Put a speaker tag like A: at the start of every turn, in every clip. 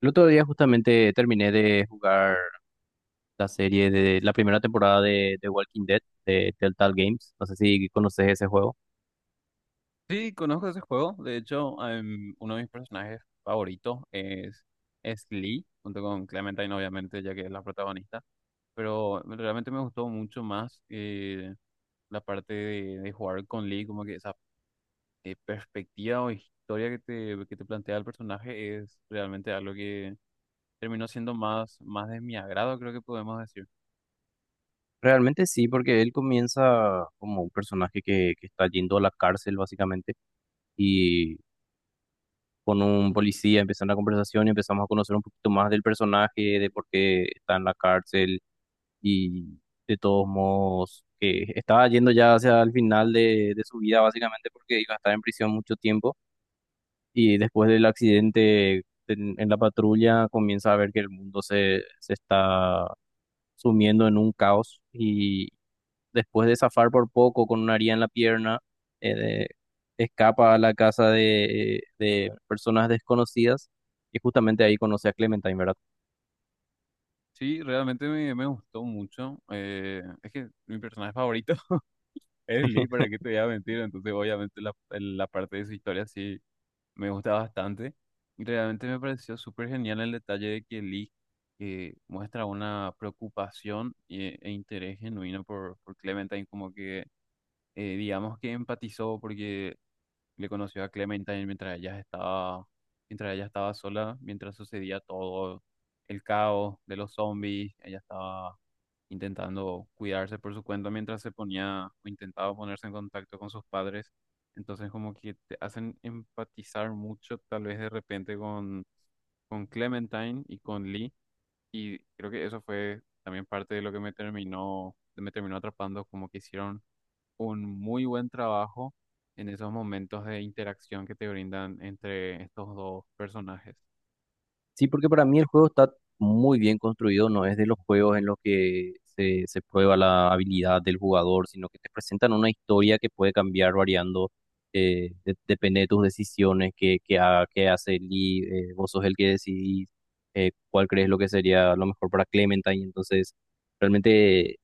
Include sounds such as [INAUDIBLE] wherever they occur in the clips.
A: El otro día justamente terminé de jugar la serie de la primera temporada de Walking Dead de Telltale Games. No sé si conoces ese juego.
B: Sí, conozco ese juego. De hecho, uno de mis personajes favoritos es Lee, junto con Clementine, obviamente, ya que es la protagonista. Pero realmente me gustó mucho más la parte de jugar con Lee, como que esa perspectiva o historia que te plantea el personaje es realmente algo que terminó siendo más de mi agrado, creo que podemos decir.
A: Realmente sí, porque él comienza como un personaje que está yendo a la cárcel básicamente y con un policía empieza una conversación y empezamos a conocer un poquito más del personaje, de por qué está en la cárcel y de todos modos que estaba yendo ya hacia el final de su vida básicamente porque iba a estar en prisión mucho tiempo. Y después del accidente en la patrulla comienza a ver que el mundo se está sumiendo en un caos y después de zafar por poco con una haría en la pierna, eh, de- escapa a la casa de personas desconocidas y justamente ahí conoce a Clementine, ¿verdad?
B: Sí, realmente me gustó mucho. Es que mi personaje favorito es Lee, para que te voy a mentir, entonces obviamente la parte de su historia sí me gusta bastante y realmente me pareció súper genial el detalle de que Lee muestra una preocupación e interés genuino por Clementine, como que digamos que empatizó porque le conoció a Clementine mientras ella estaba sola, mientras sucedía todo el caos de los zombies, ella estaba intentando cuidarse por su cuenta mientras se ponía o intentaba ponerse en contacto con sus padres. Entonces como que te hacen empatizar mucho tal vez de repente con Clementine y con Lee. Y creo que eso fue también parte de lo que me terminó atrapando, como que hicieron un muy buen trabajo en esos momentos de interacción que te brindan entre estos dos personajes.
A: Sí, porque para mí el juego está muy bien construido, no es de los juegos en los que se prueba la habilidad del jugador, sino que te presentan una historia que puede cambiar variando, depende de tus decisiones, qué hace Lee. Vos sos el que decidís cuál crees lo que sería lo mejor para Clementine, entonces realmente,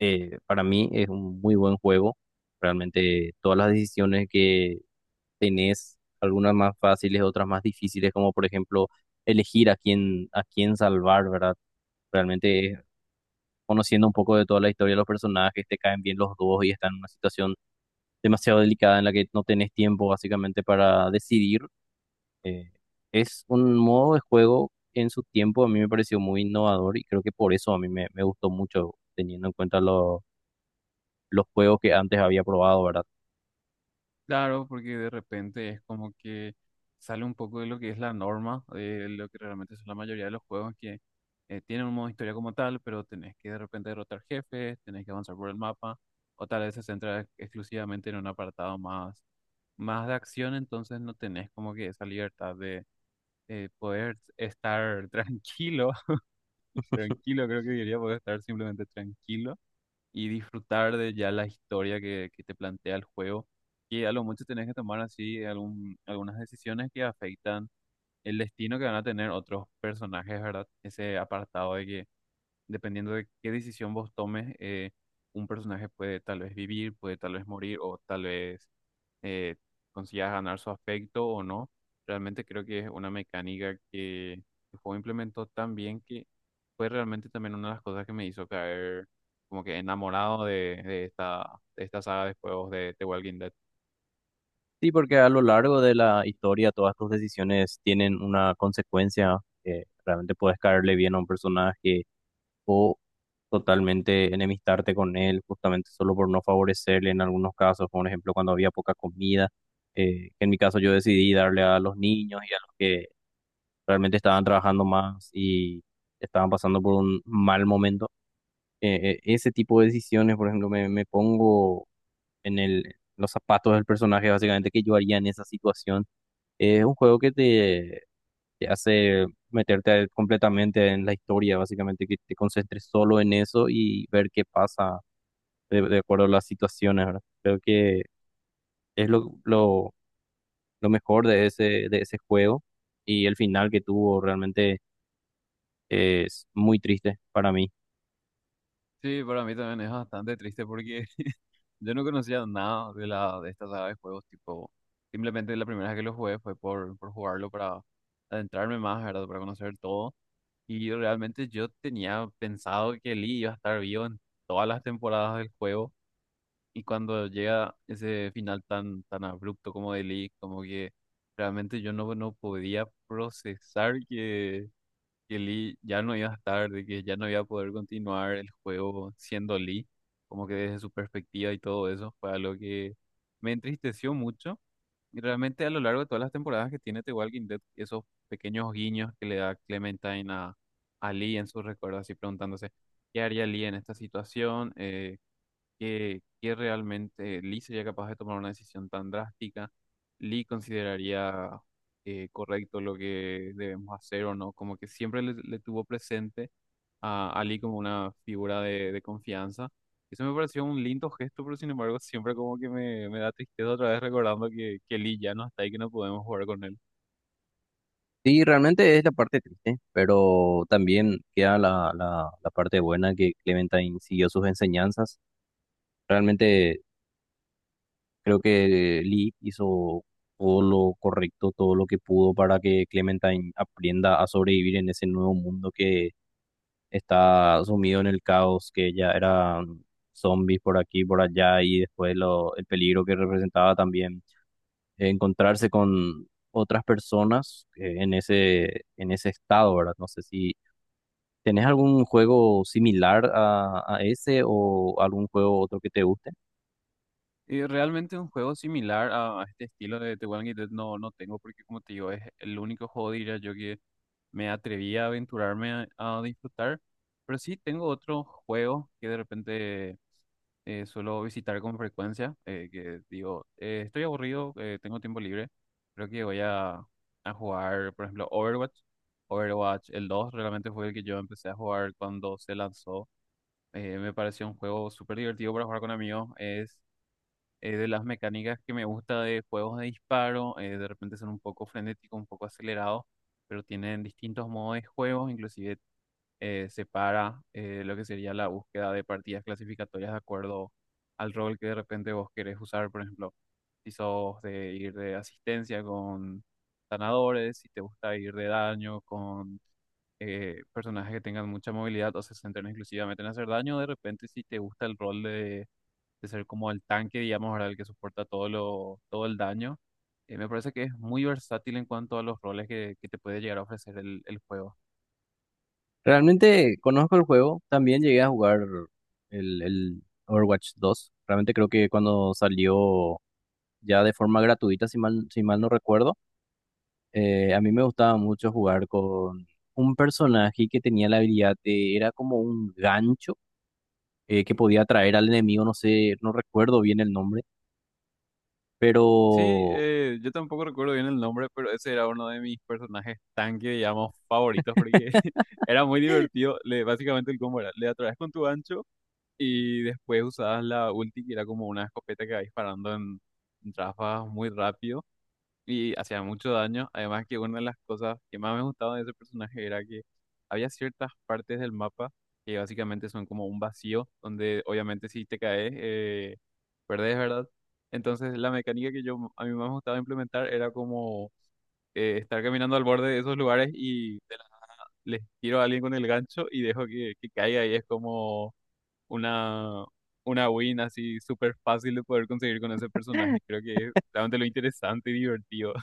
A: para mí es un muy buen juego. Realmente todas las decisiones, tenés algunas más fáciles, otras más difíciles, como por ejemplo elegir a quién salvar, ¿verdad? Realmente, conociendo un poco de toda la historia de los personajes, te caen bien los dos y están en una situación demasiado delicada en la que no tenés tiempo básicamente para decidir. Eh, es un modo de juego en su tiempo a mí me pareció muy innovador y creo que por eso a mí me gustó mucho, teniendo en cuenta los juegos que antes había probado, ¿verdad?
B: Claro, porque de repente es como que sale un poco de lo que es la norma, de lo que realmente son la mayoría de los juegos que tienen un modo historia como tal, pero tenés que de repente derrotar jefes, tenés que avanzar por el mapa, o tal vez se centra exclusivamente en un apartado más, más de acción, entonces no tenés como que esa libertad de poder estar [LAUGHS] tranquilo, [LAUGHS] tranquilo creo que diría, poder estar simplemente tranquilo y disfrutar de ya la historia que te plantea el juego. Y a lo mucho tenés que tomar así algún, algunas decisiones que afectan el destino que van a tener otros personajes, ¿verdad? Ese apartado de que dependiendo de qué decisión vos tomes, un personaje puede tal vez vivir, puede tal vez morir o tal vez eh, consigas ganar su afecto o no. Realmente creo que es una mecánica que el juego implementó tan bien que fue realmente también una de las cosas que me hizo caer como que enamorado de esta saga de juegos de The Walking Dead.
A: Sí, porque a lo largo de la historia todas tus decisiones tienen una consecuencia, que realmente puedes caerle bien a un personaje o totalmente enemistarte con él justamente solo por no favorecerle en algunos casos, por ejemplo cuando había poca comida, que en mi caso yo decidí darle a los niños y a los que realmente estaban trabajando más y estaban pasando por un mal momento. Ese tipo de decisiones, por ejemplo, me pongo en los zapatos del personaje, básicamente, que yo haría en esa situación. Es un juego que te hace meterte completamente en la historia, básicamente, que te concentres solo en eso y ver qué pasa de acuerdo a las situaciones, ¿verdad? Creo que es lo mejor de de ese juego, y el final que tuvo realmente es muy triste para mí.
B: Sí, para mí también es bastante triste porque yo no conocía nada de la de esta saga de juegos, tipo, simplemente la primera vez que lo jugué fue por jugarlo para adentrarme más, ¿verdad? Para conocer todo. Y realmente yo tenía pensado que Lee iba a estar vivo en todas las temporadas del juego. Y cuando llega ese final tan, tan abrupto como de Lee, como que realmente yo no podía procesar que Lee ya no iba a estar, de que ya no iba a poder continuar el juego siendo Lee, como que desde su perspectiva y todo eso, fue algo que me entristeció mucho. Y realmente a lo largo de todas las temporadas que tiene The Walking Dead, esos pequeños guiños que le da Clementine a Lee en sus recuerdos, así preguntándose, ¿qué haría Lee en esta situación? Que realmente Lee sería capaz de tomar una decisión tan drástica. Lee consideraría correcto lo que debemos hacer o no, como que siempre le tuvo presente a Lee como una figura de confianza. Eso me pareció un lindo gesto, pero sin embargo siempre como que me da tristeza otra vez recordando que Lee ya no está y que no podemos jugar con él.
A: Sí, realmente es la parte triste, pero también queda la parte buena que Clementine siguió sus enseñanzas. Realmente creo que Lee hizo todo lo correcto, todo lo que pudo para que Clementine aprenda a sobrevivir en ese nuevo mundo que está sumido en el caos, que ya eran zombies por aquí, por allá, y después el peligro que representaba también, encontrarse con otras personas en en ese estado, ¿verdad? No sé si tenés algún juego similar a ese o algún juego otro que te guste.
B: Y realmente un juego similar a este estilo de The Walking Dead no tengo porque como te digo es el único juego diría yo que me atreví a aventurarme a disfrutar. Pero sí tengo otros juegos que de repente suelo visitar con frecuencia, que digo, estoy aburrido, tengo tiempo libre, creo que voy a jugar, por ejemplo, Overwatch. Overwatch, el 2 realmente fue el que yo empecé a jugar cuando se lanzó. Me pareció un juego súper divertido para jugar con amigos de las mecánicas que me gusta de juegos de disparo, de repente son un poco frenéticos, un poco acelerados, pero tienen distintos modos de juego, inclusive separa lo que sería la búsqueda de partidas clasificatorias de acuerdo al rol que de repente vos querés usar, por ejemplo, si sos de ir de asistencia con sanadores, si te gusta ir de daño con personajes que tengan mucha movilidad o se centren exclusivamente en hacer daño, de repente si te gusta el rol de ser como el tanque, digamos, ¿verdad? El que soporta todo lo, todo el daño. Me parece que es muy versátil en cuanto a los roles que te puede llegar a ofrecer el juego.
A: Realmente conozco el juego, también llegué a jugar el Overwatch 2. Realmente creo que cuando salió ya de forma gratuita, si mal no recuerdo, a mí me gustaba mucho jugar con un personaje que tenía la habilidad de, era como un gancho que podía atraer al enemigo, no sé, no recuerdo bien el nombre, pero...
B: Sí, yo tampoco recuerdo bien el nombre, pero ese era uno de mis personajes tanque, digamos, favoritos, porque [LAUGHS] era muy divertido. Le, básicamente el combo era, le atraes con tu ancho y después usabas la ulti, que era como una escopeta que va disparando en ráfagas muy rápido. Y hacía mucho daño. Además que una de las cosas que más me gustaba de ese personaje era que había ciertas partes del mapa que básicamente son como un vacío, donde obviamente si te caes, perdés, ¿verdad? Entonces la mecánica que yo a mí más me gustaba implementar era como estar caminando al borde de esos lugares y les tiro a alguien con el gancho y dejo que caiga y es como una... Una win así súper fácil de poder conseguir con ese personaje. Creo que es realmente lo interesante y divertido.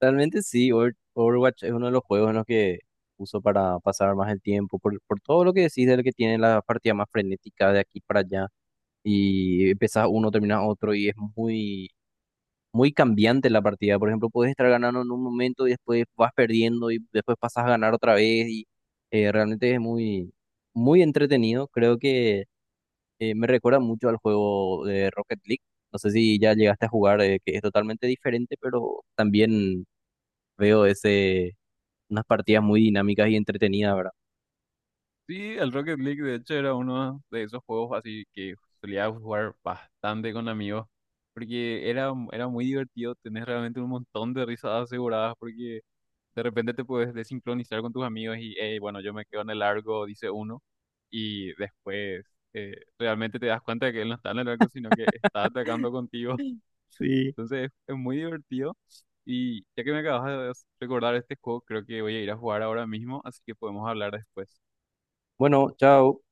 A: Realmente sí, Overwatch es uno de los juegos en los que uso para pasar más el tiempo, por todo lo que decís, de lo que tiene la partida más frenética de aquí para allá, y empezás uno, terminas otro, y es muy, muy cambiante la partida. Por ejemplo, puedes estar ganando en un momento y después vas perdiendo y después pasas a ganar otra vez, y realmente es muy, muy entretenido. Creo que, me recuerda mucho al juego de Rocket League. No sé si ya llegaste a jugar, que es totalmente diferente, pero también veo ese, unas partidas muy dinámicas y entretenidas, ¿verdad?
B: Sí, el Rocket League de hecho era uno de esos juegos así que solía jugar bastante con amigos, porque era muy divertido, tenés realmente un montón de risas aseguradas, porque de repente te puedes desincronizar con tus amigos y, "Ey, bueno, yo me quedo en el largo", dice uno, y después realmente te das cuenta de que él no está en el largo, sino que está atacando contigo. [LAUGHS]
A: Sí.
B: Entonces es muy divertido. Y ya que me acabas de recordar este juego, creo que voy a ir a jugar ahora mismo, así que podemos hablar después.
A: Bueno, chao.